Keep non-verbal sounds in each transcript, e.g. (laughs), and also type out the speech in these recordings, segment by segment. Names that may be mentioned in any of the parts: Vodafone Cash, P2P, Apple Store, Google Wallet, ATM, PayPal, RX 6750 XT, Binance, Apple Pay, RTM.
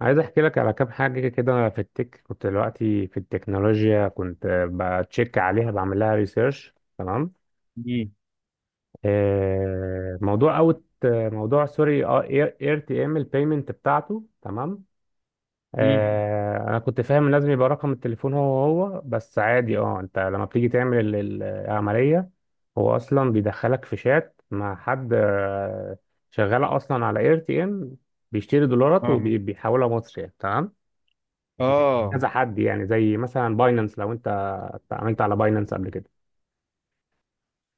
عايز احكي لك على كام حاجه كده. في التك كنت دلوقتي في التكنولوجيا، كنت بتشيك عليها، بعمل لها ريسيرش. تمام. امم موضوع اير تي ام البيمنت بتاعته. تمام. امم. انا كنت فاهم إن لازم يبقى رقم التليفون هو هو بس، عادي. اه انت لما بتيجي تعمل العمليه، هو اصلا بيدخلك في شات مع حد. شغال اصلا على اير تي ام، بيشتري دولارات اه وبيحولها مصري. تمام. اه. كذا حد يعني، زي مثلا باينانس، لو انت اتعاملت على باينانس قبل كده.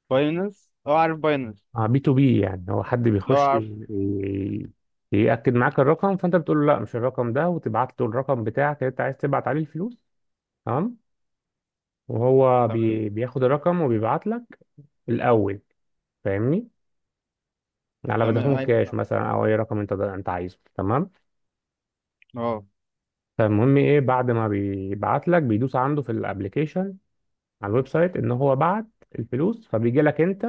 باينانس، اه عارف باينانس. اه بي تو بي، يعني هو حد اه بيخش عارف. يأكد معاك الرقم، فانت بتقول له لا، مش الرقم ده، وتبعت له الرقم بتاعك اللي انت عايز تبعت عليه الفلوس. تمام. وهو تمام. بياخد الرقم وبيبعت لك الاول، فاهمني، على تمام، فودافون ايوه كاش فاهم. مثلا، او اي رقم انت عايزه. تمام. اه فالمهم ايه، بعد ما بيبعت لك بيدوس عنده في الابليكيشن، على الويب سايت، ان هو بعت الفلوس، فبيجي لك انت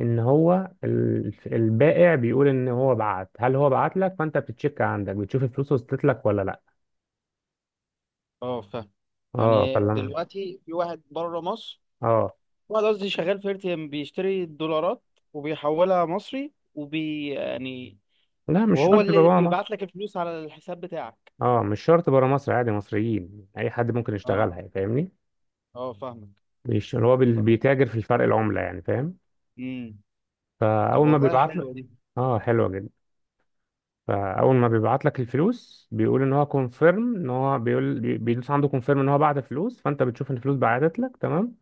ان هو البائع بيقول ان هو بعت، هل هو بعت لك؟ فانت بتتشيك عندك، بتشوف الفلوس وصلت لك ولا لا. اه فاهم. اه. يعني دلوقتي في واحد بره مصر، اه، قصدي شغال في ارتيم بيشتري الدولارات وبيحولها مصري وبي يعني لا، مش وهو شرط يبقى اللي بره مصر. بيبعت لك الفلوس على الحساب بتاعك. اه، مش شرط بره مصر، عادي مصريين، اي حد ممكن اه، يشتغلها يعني، فاهمني. اه فاهمك. مش هو طب، بيتاجر في الفرق العملة يعني، فاهم. امم. طب فاول ما والله بيبعت حلوه لك دي. اه، حلوة جدا. فاول ما بيبعت لك الفلوس بيقول ان هو كونفيرم، ان هو بيقول بيدوس عنده كونفيرم ان هو بعت فلوس، فانت بتشوف ان الفلوس بعتت لك. تمام.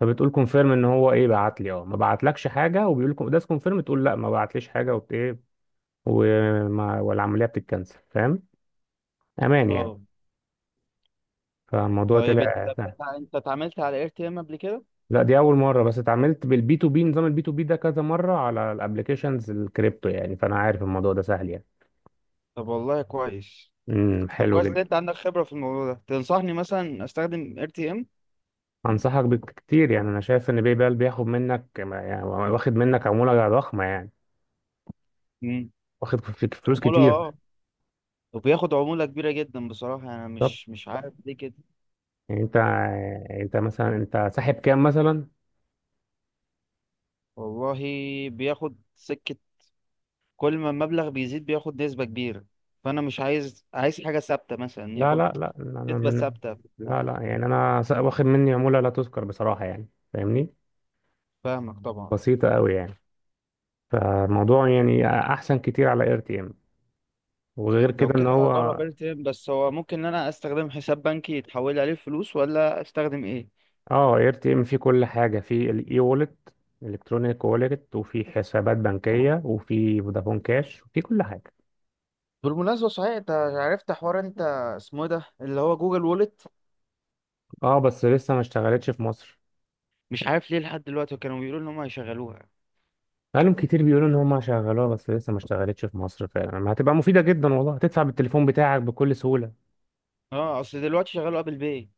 فبتقول كونفيرم ان هو ايه، بعت لي؟ اه، ما بعتلكش حاجه، وبيقول لكم ده كونفيرم، تقول لا، ما بعتليش حاجه، وبت ايه والعمليه بتتكنسل، فاهم. امان يعني. اه. فالموضوع طيب انت، طلع سهل. انت اتعاملت على ار تي ام قبل كده؟ لا، دي اول مره، بس اتعاملت بالبي تو بي. نظام البي تو بي ده كذا مره على الابلكيشنز الكريبتو، يعني فانا عارف الموضوع ده سهل يعني. طب والله كويس. طب حلو كويس جدا. ان انت عندك خبرة في الموضوع ده، تنصحني مثلا استخدم ار تي ام؟ انصحك بكتير، يعني انا شايف ان باي بال بياخد منك يعني، واخد منك عموله ضخمه يعني، واخد فلوس عمولة، كتير. اه. وبياخد عمولة كبيرة جدا بصراحة، يعني انا طب مش عارف ليه كده. يعني انت، يعني انت مثلا، انت ساحب كام مثلا؟ والله بياخد سكة، كل ما المبلغ بيزيد بياخد نسبة كبيرة. فانا مش عايز حاجة ثابتة، مثلا لا ياخد لا لا، انا نسبة من ثابتة. لا لا، يعني انا واخد مني عمولة لا تذكر بصراحة يعني، فاهمني، فاهمك طبعا. بسيطة قوي يعني. فالموضوع يعني احسن كتير على اير تي ام. وغير لو كده ان كده هو هجرب ار تي ام، بس هو ممكن ان انا استخدم حساب بنكي يتحول عليه فلوس ولا استخدم ايه؟ اه، اير تي ام فيه كل حاجة. فيه الاي وولت الكترونيك وولت، وفي حسابات بنكية، وفي فودافون كاش، وفي كل حاجة. بالمناسبة صحيح، انت عرفت حوار انت اسمه إيه ده، اللي هو جوجل وولت؟ اه بس لسه ما اشتغلتش في مصر. مش عارف ليه لحد دلوقتي، كانوا بيقولوا ان هم هيشغلوها. بقالهم كتير بيقولوا ان هم شغلوها، بس لسه ما اشتغلتش في مصر فعلا. ما هتبقى مفيدة جدا والله، هتدفع بالتليفون بتاعك بكل سهولة. اه اصل دلوقتي شغالوا ابل باي.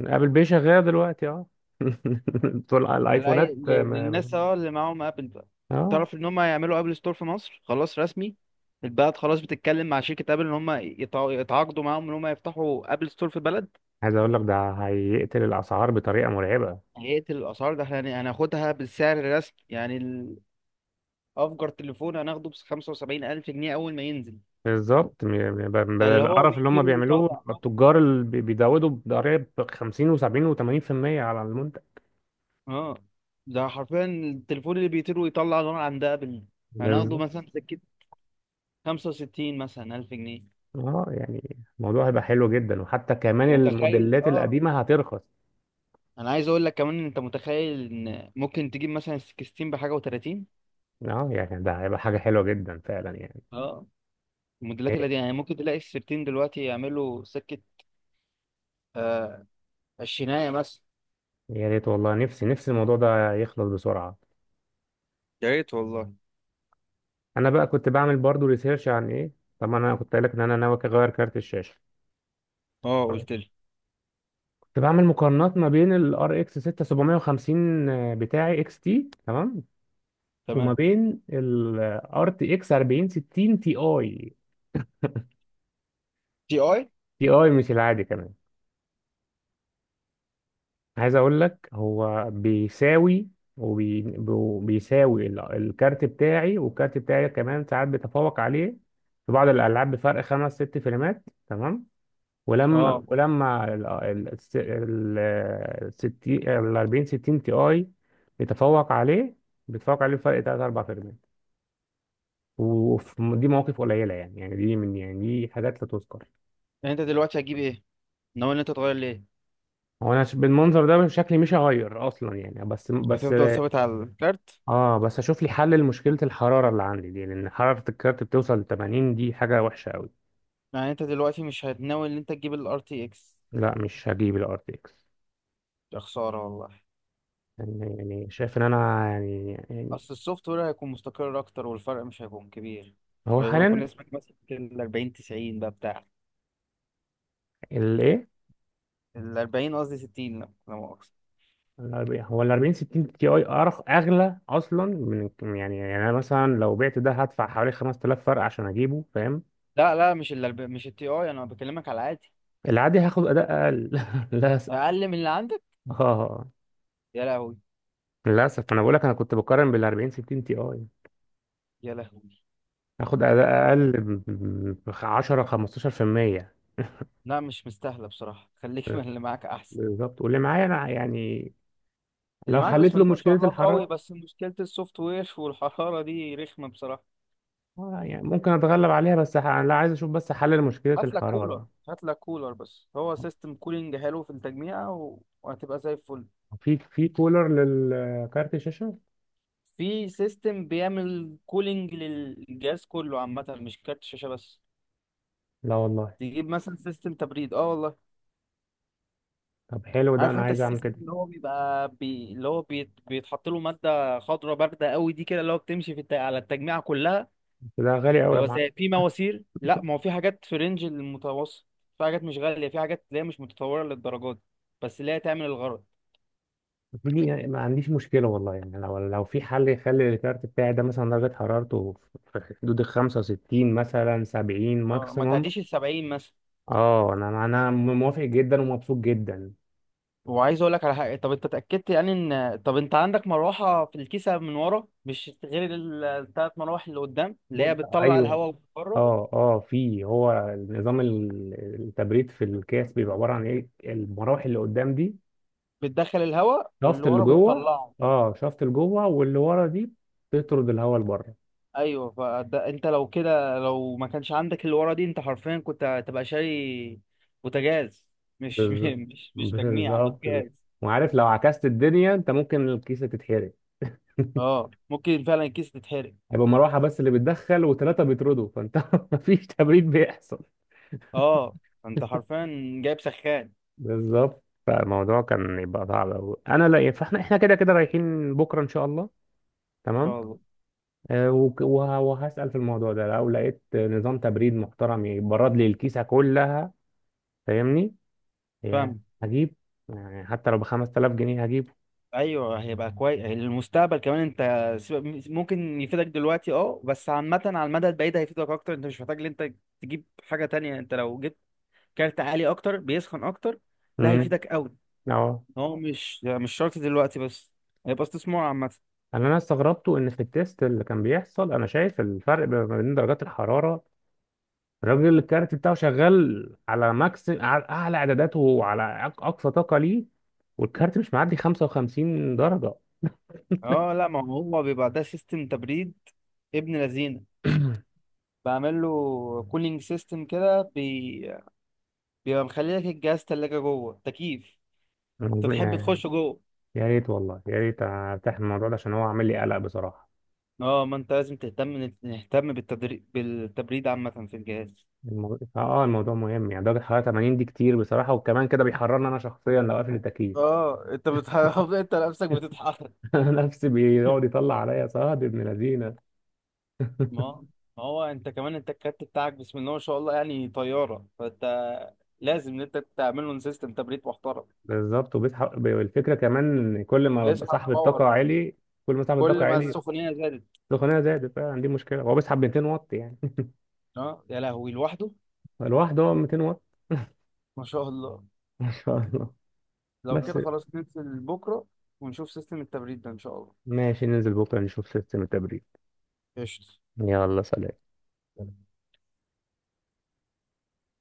ابل باي شغاله دلوقتي، اه. (laughs) طول الايفونات. للناس، اه، اللي معاهم ابل بقى. اه. تعرف ان هم هيعملوا ابل ستور في مصر خلاص رسمي؟ البلد خلاص بتتكلم مع شركة ابل ان هم يتعاقدوا معاهم ان هم يفتحوا ابل ستور في البلد. عايز اقول لك، ده هيقتل الاسعار بطريقه مرعبه. هيقتل الاسعار، ده احنا هناخدها بالسعر الرسمي، يعني ال- افجر تليفون هناخده ب 75 الف جنيه اول ما ينزل. بالظبط، ده بدل اللي هو القرف اللي هم بيطير بيعملوه. ويطلع، بيبقى اه. التجار اللي بيزودوا بضرائب 50 و70 و80% على المنتج. آه. ده حرفيا التليفون اللي بيطير ويطلع نار عند ابل، هناخده بالظبط. مثلا سكة 65 مثلا 1000 جنيه. اه، يعني الموضوع هيبقى حلو جدا، وحتى كمان انت متخيل؟ الموديلات اه. القديمه هترخص. انا عايز اقول لك كمان إن انت متخيل ان ممكن تجيب مثلا 16 بحاجه و30؟ اه، يعني ده هيبقى حاجه حلوه جدا فعلا يعني. اه. الموديلات اللي إيه؟ دي يعني ممكن تلاقي ال 16 دلوقتي يعملوا سكه. آه. عشرينية مثلا. يا ريت والله، نفسي نفسي الموضوع ده يخلص بسرعه. يا ريت والله. انا بقى كنت بعمل برضو ريسيرش عن ايه. طبعا انا كنت قايل لك ان انا ناوي اغير كارت الشاشه. اه قلت لي. كنت بعمل مقارنات ما بين ال RX 6750 بتاعي اكس تي. تمام. وما تمام. بين ال RTX 4060 تي اي. تي اي. تي اي، مش العادي كمان. عايز اقول لك، هو بيساوي وبيساوي الكارت بتاعي، والكارت بتاعي كمان ساعات بيتفوق عليه في بعض الالعاب بفرق 5 6 فريمات. تمام. ولما اه. ولما ال 40 60 تي اي بيتفوق عليه. بيتفوق عليه بفرق 3 4 فيرمنت. ودي مواقف قليله يعني دي من يعني دي حاجات لا تذكر. يعني انت دلوقتي هتجيب ايه؟ ناوي ان انت تغير ليه؟ هو انا بالمنظر ده شكلي مش هغير اصلا يعني، بس. هتفضل ثابت على الكارت؟ اه بس اشوف لي حل لمشكله الحراره اللي عندي دي، لان حراره الكارت بتوصل ل 80، دي حاجه وحشه قوي. يعني انت دلوقتي مش هتناوي ان انت تجيب الار تي اكس؟ لا، مش هجيب الار تي اكس. يا خساره والله. يعني شايف ان انا يعني. اصل السوفت وير هيكون مستقر اكتر والفرق مش هيكون كبير. هو وهيكون حاليا اسمك مثلا ال 40 90 بقى بتاع، الايه، ال 40 قصدي 60، لا مؤاخذة. الأربعين- هو ال 40 60 تي اي اغلى اصلا من. يعني انا مثلا، لو بعت ده هدفع حوالي 5000 فرق عشان اجيبه، فاهم. لا مش ال 40، مش التي اي، انا بكلمك على عادي. العادي هاخد اداء اقل (laughs) للاسف اقل من اللي عندك؟ اه يا لهوي. للاسف. انا بقول لك، انا كنت بقارن بال 40 60 تي اي. يا لهوي. هاخد اداء اقل ب 10 15%. لا مش مستاهله بصراحه، خليك من اللي معاك احسن. بالظبط. واللي معايا انا يعني اللي لو معاك حليت بسم له الله ما مشكله شاء الله قوي، الحراره. بس مشكله السوفت وير والحراره دي رخمه بصراحه. يعني ممكن اتغلب عليها بس انا لا، عايز اشوف بس حل لمشكله هات لك كولر. الحراره. هات لك كولر، بس هو سيستم كولينج حلو في التجميع وهتبقى زي الفل. في كولر للكارت الشاشه؟ في سيستم بيعمل كولينج للجهاز كله عامة، مش كارت شاشة بس. لا والله. تجيب مثلا سيستم تبريد، اه والله. طب حلو ده، عارف انا انت عايز اعمل السيستم كده. اللي هو بيبقى اللي هو بيتحط له مادة خضراء باردة قوي دي، كده اللي هو بتمشي في على التجميعة كلها. بس ده غالي قوي يا بيبقى معلم. زي في مواسير، لا ما هو في حاجات في رينج المتوسط، في حاجات مش غالية، في حاجات اللي هي مش متطورة للدرجات دي، بس اللي هي تعمل الغرض. دي يعني ما عنديش مشكله والله يعني، لو في حل يخلي الكارت بتاعي ده مثلا درجه حرارته في حدود ال 65، مثلا 70 اه، ما ماكسيموم. تعديش السبعين. اه، انا موافق جدا ومبسوط جدا. وعايز اقول لك على حاجه، طب انت اتاكدت يعني ان، طب انت عندك مروحه في الكيسه من ورا مش غير الثلاث مراوح اللي قدام اللي بص، هي بتطلع ايوه. الهواء من بره؟ اه في، هو نظام التبريد في الكاس بيبقى عباره عن المراوح اللي قدام دي. بتدخل الهواء شافت واللي اللي ورا جوه بتطلعه. اه شافت اللي جوه واللي ورا دي بتطرد الهواء لبره. ايوه، فده انت لو كده لو ما كانش عندك اللي ورا دي انت حرفيا كنت هتبقى شاري بوتاجاز. مش (laughs) بالظبط مش تجميع بالظبط. بوتاجاز. وعارف، لو عكست الدنيا انت ممكن الكيسه تتحرق. اه ممكن فعلا الكيس تتحرق. هيبقى مروحه بس اللي بتدخل وثلاثه بيطردوا، فانت (laughs) مفيش تبريد بيحصل. اه انت حرفيا جايب سخان ان بالظبط. فالموضوع كان يبقى صعب أوي. انا لا احنا كده كده رايحين بكره ان شاء الله. تمام. شاء الله. وهسال في الموضوع ده، لو لقيت نظام تبريد محترم يبرد لي الكيسه كلها، فاهمني، يعني فاهم. هجيب. يعني حتى لو ب 5000 جنيه هجيب. ايوه هيبقى كويس المستقبل كمان. انت ممكن يفيدك دلوقتي، اه، بس عامه على المدى البعيد هيفيدك اكتر. انت مش محتاج ان انت تجيب حاجه تانية، انت لو جبت كارت عالي اكتر بيسخن اكتر، ده امم هيفيدك قوي. اه هو مش شرط دلوقتي، بس هيبقى استثمار عامه. انا استغربته، ان في التيست اللي كان بيحصل انا شايف الفرق ما بين درجات الحراره. الراجل الكارت بتاعه شغال على ماكس، على اعلى اعداداته، وعلى اقصى طاقه ليه، والكارت مش معدي 55 درجه. اه. لا ما هو بيبقى ده سيستم تبريد ابن لذينه، بعمل له كولينج سيستم كده بيبقى مخلي لك الجهاز تلاجة جوه تكييف، انت (clears throat) تحب يعني تخش جوه. يا ريت والله، يا ريت ارتاح من الموضوع ده، عشان هو عامل لي قلق بصراحه. اه ما انت لازم تهتم، نهتم بالتبريد عامة في الجهاز. الموضوع مهم يعني، درجه الحراره 80 دي كتير بصراحه، وكمان كده بيحررني انا شخصيا لو قافل التكييف. اه انت (laughs) انت نفسك بتتحرك. (laughs) نفسي بيقعد يطلع عليا صهد ابن لذينه. ما ما هو انت كمان، انت الكارت بتاعك بسم الله ما شاء الله يعني طيارة، فانت لازم ان انت تعمل له سيستم تبريد محترم. بالظبط. وبيسحب الفكره كمان إن كل ما ببقى بيسحب صاحب باور، الطاقه عالي، كل ما صاحب الطاقه كل ما عالي، السخونية زادت. سخونيه زادت فعلا. دي مشكله، هو بيسحب 200 واط يعني. (laughs) اه يا لهوي، لوحده. لوحده هو 200 واط. ما شاء الله. (laughs) ما شاء الله. لو بس، كده خلاص ننزل بكرة ونشوف سيستم التبريد ده ان شاء الله. ماشي ننزل بكره نشوف سيستم التبريد. قشطة. يلا سلام.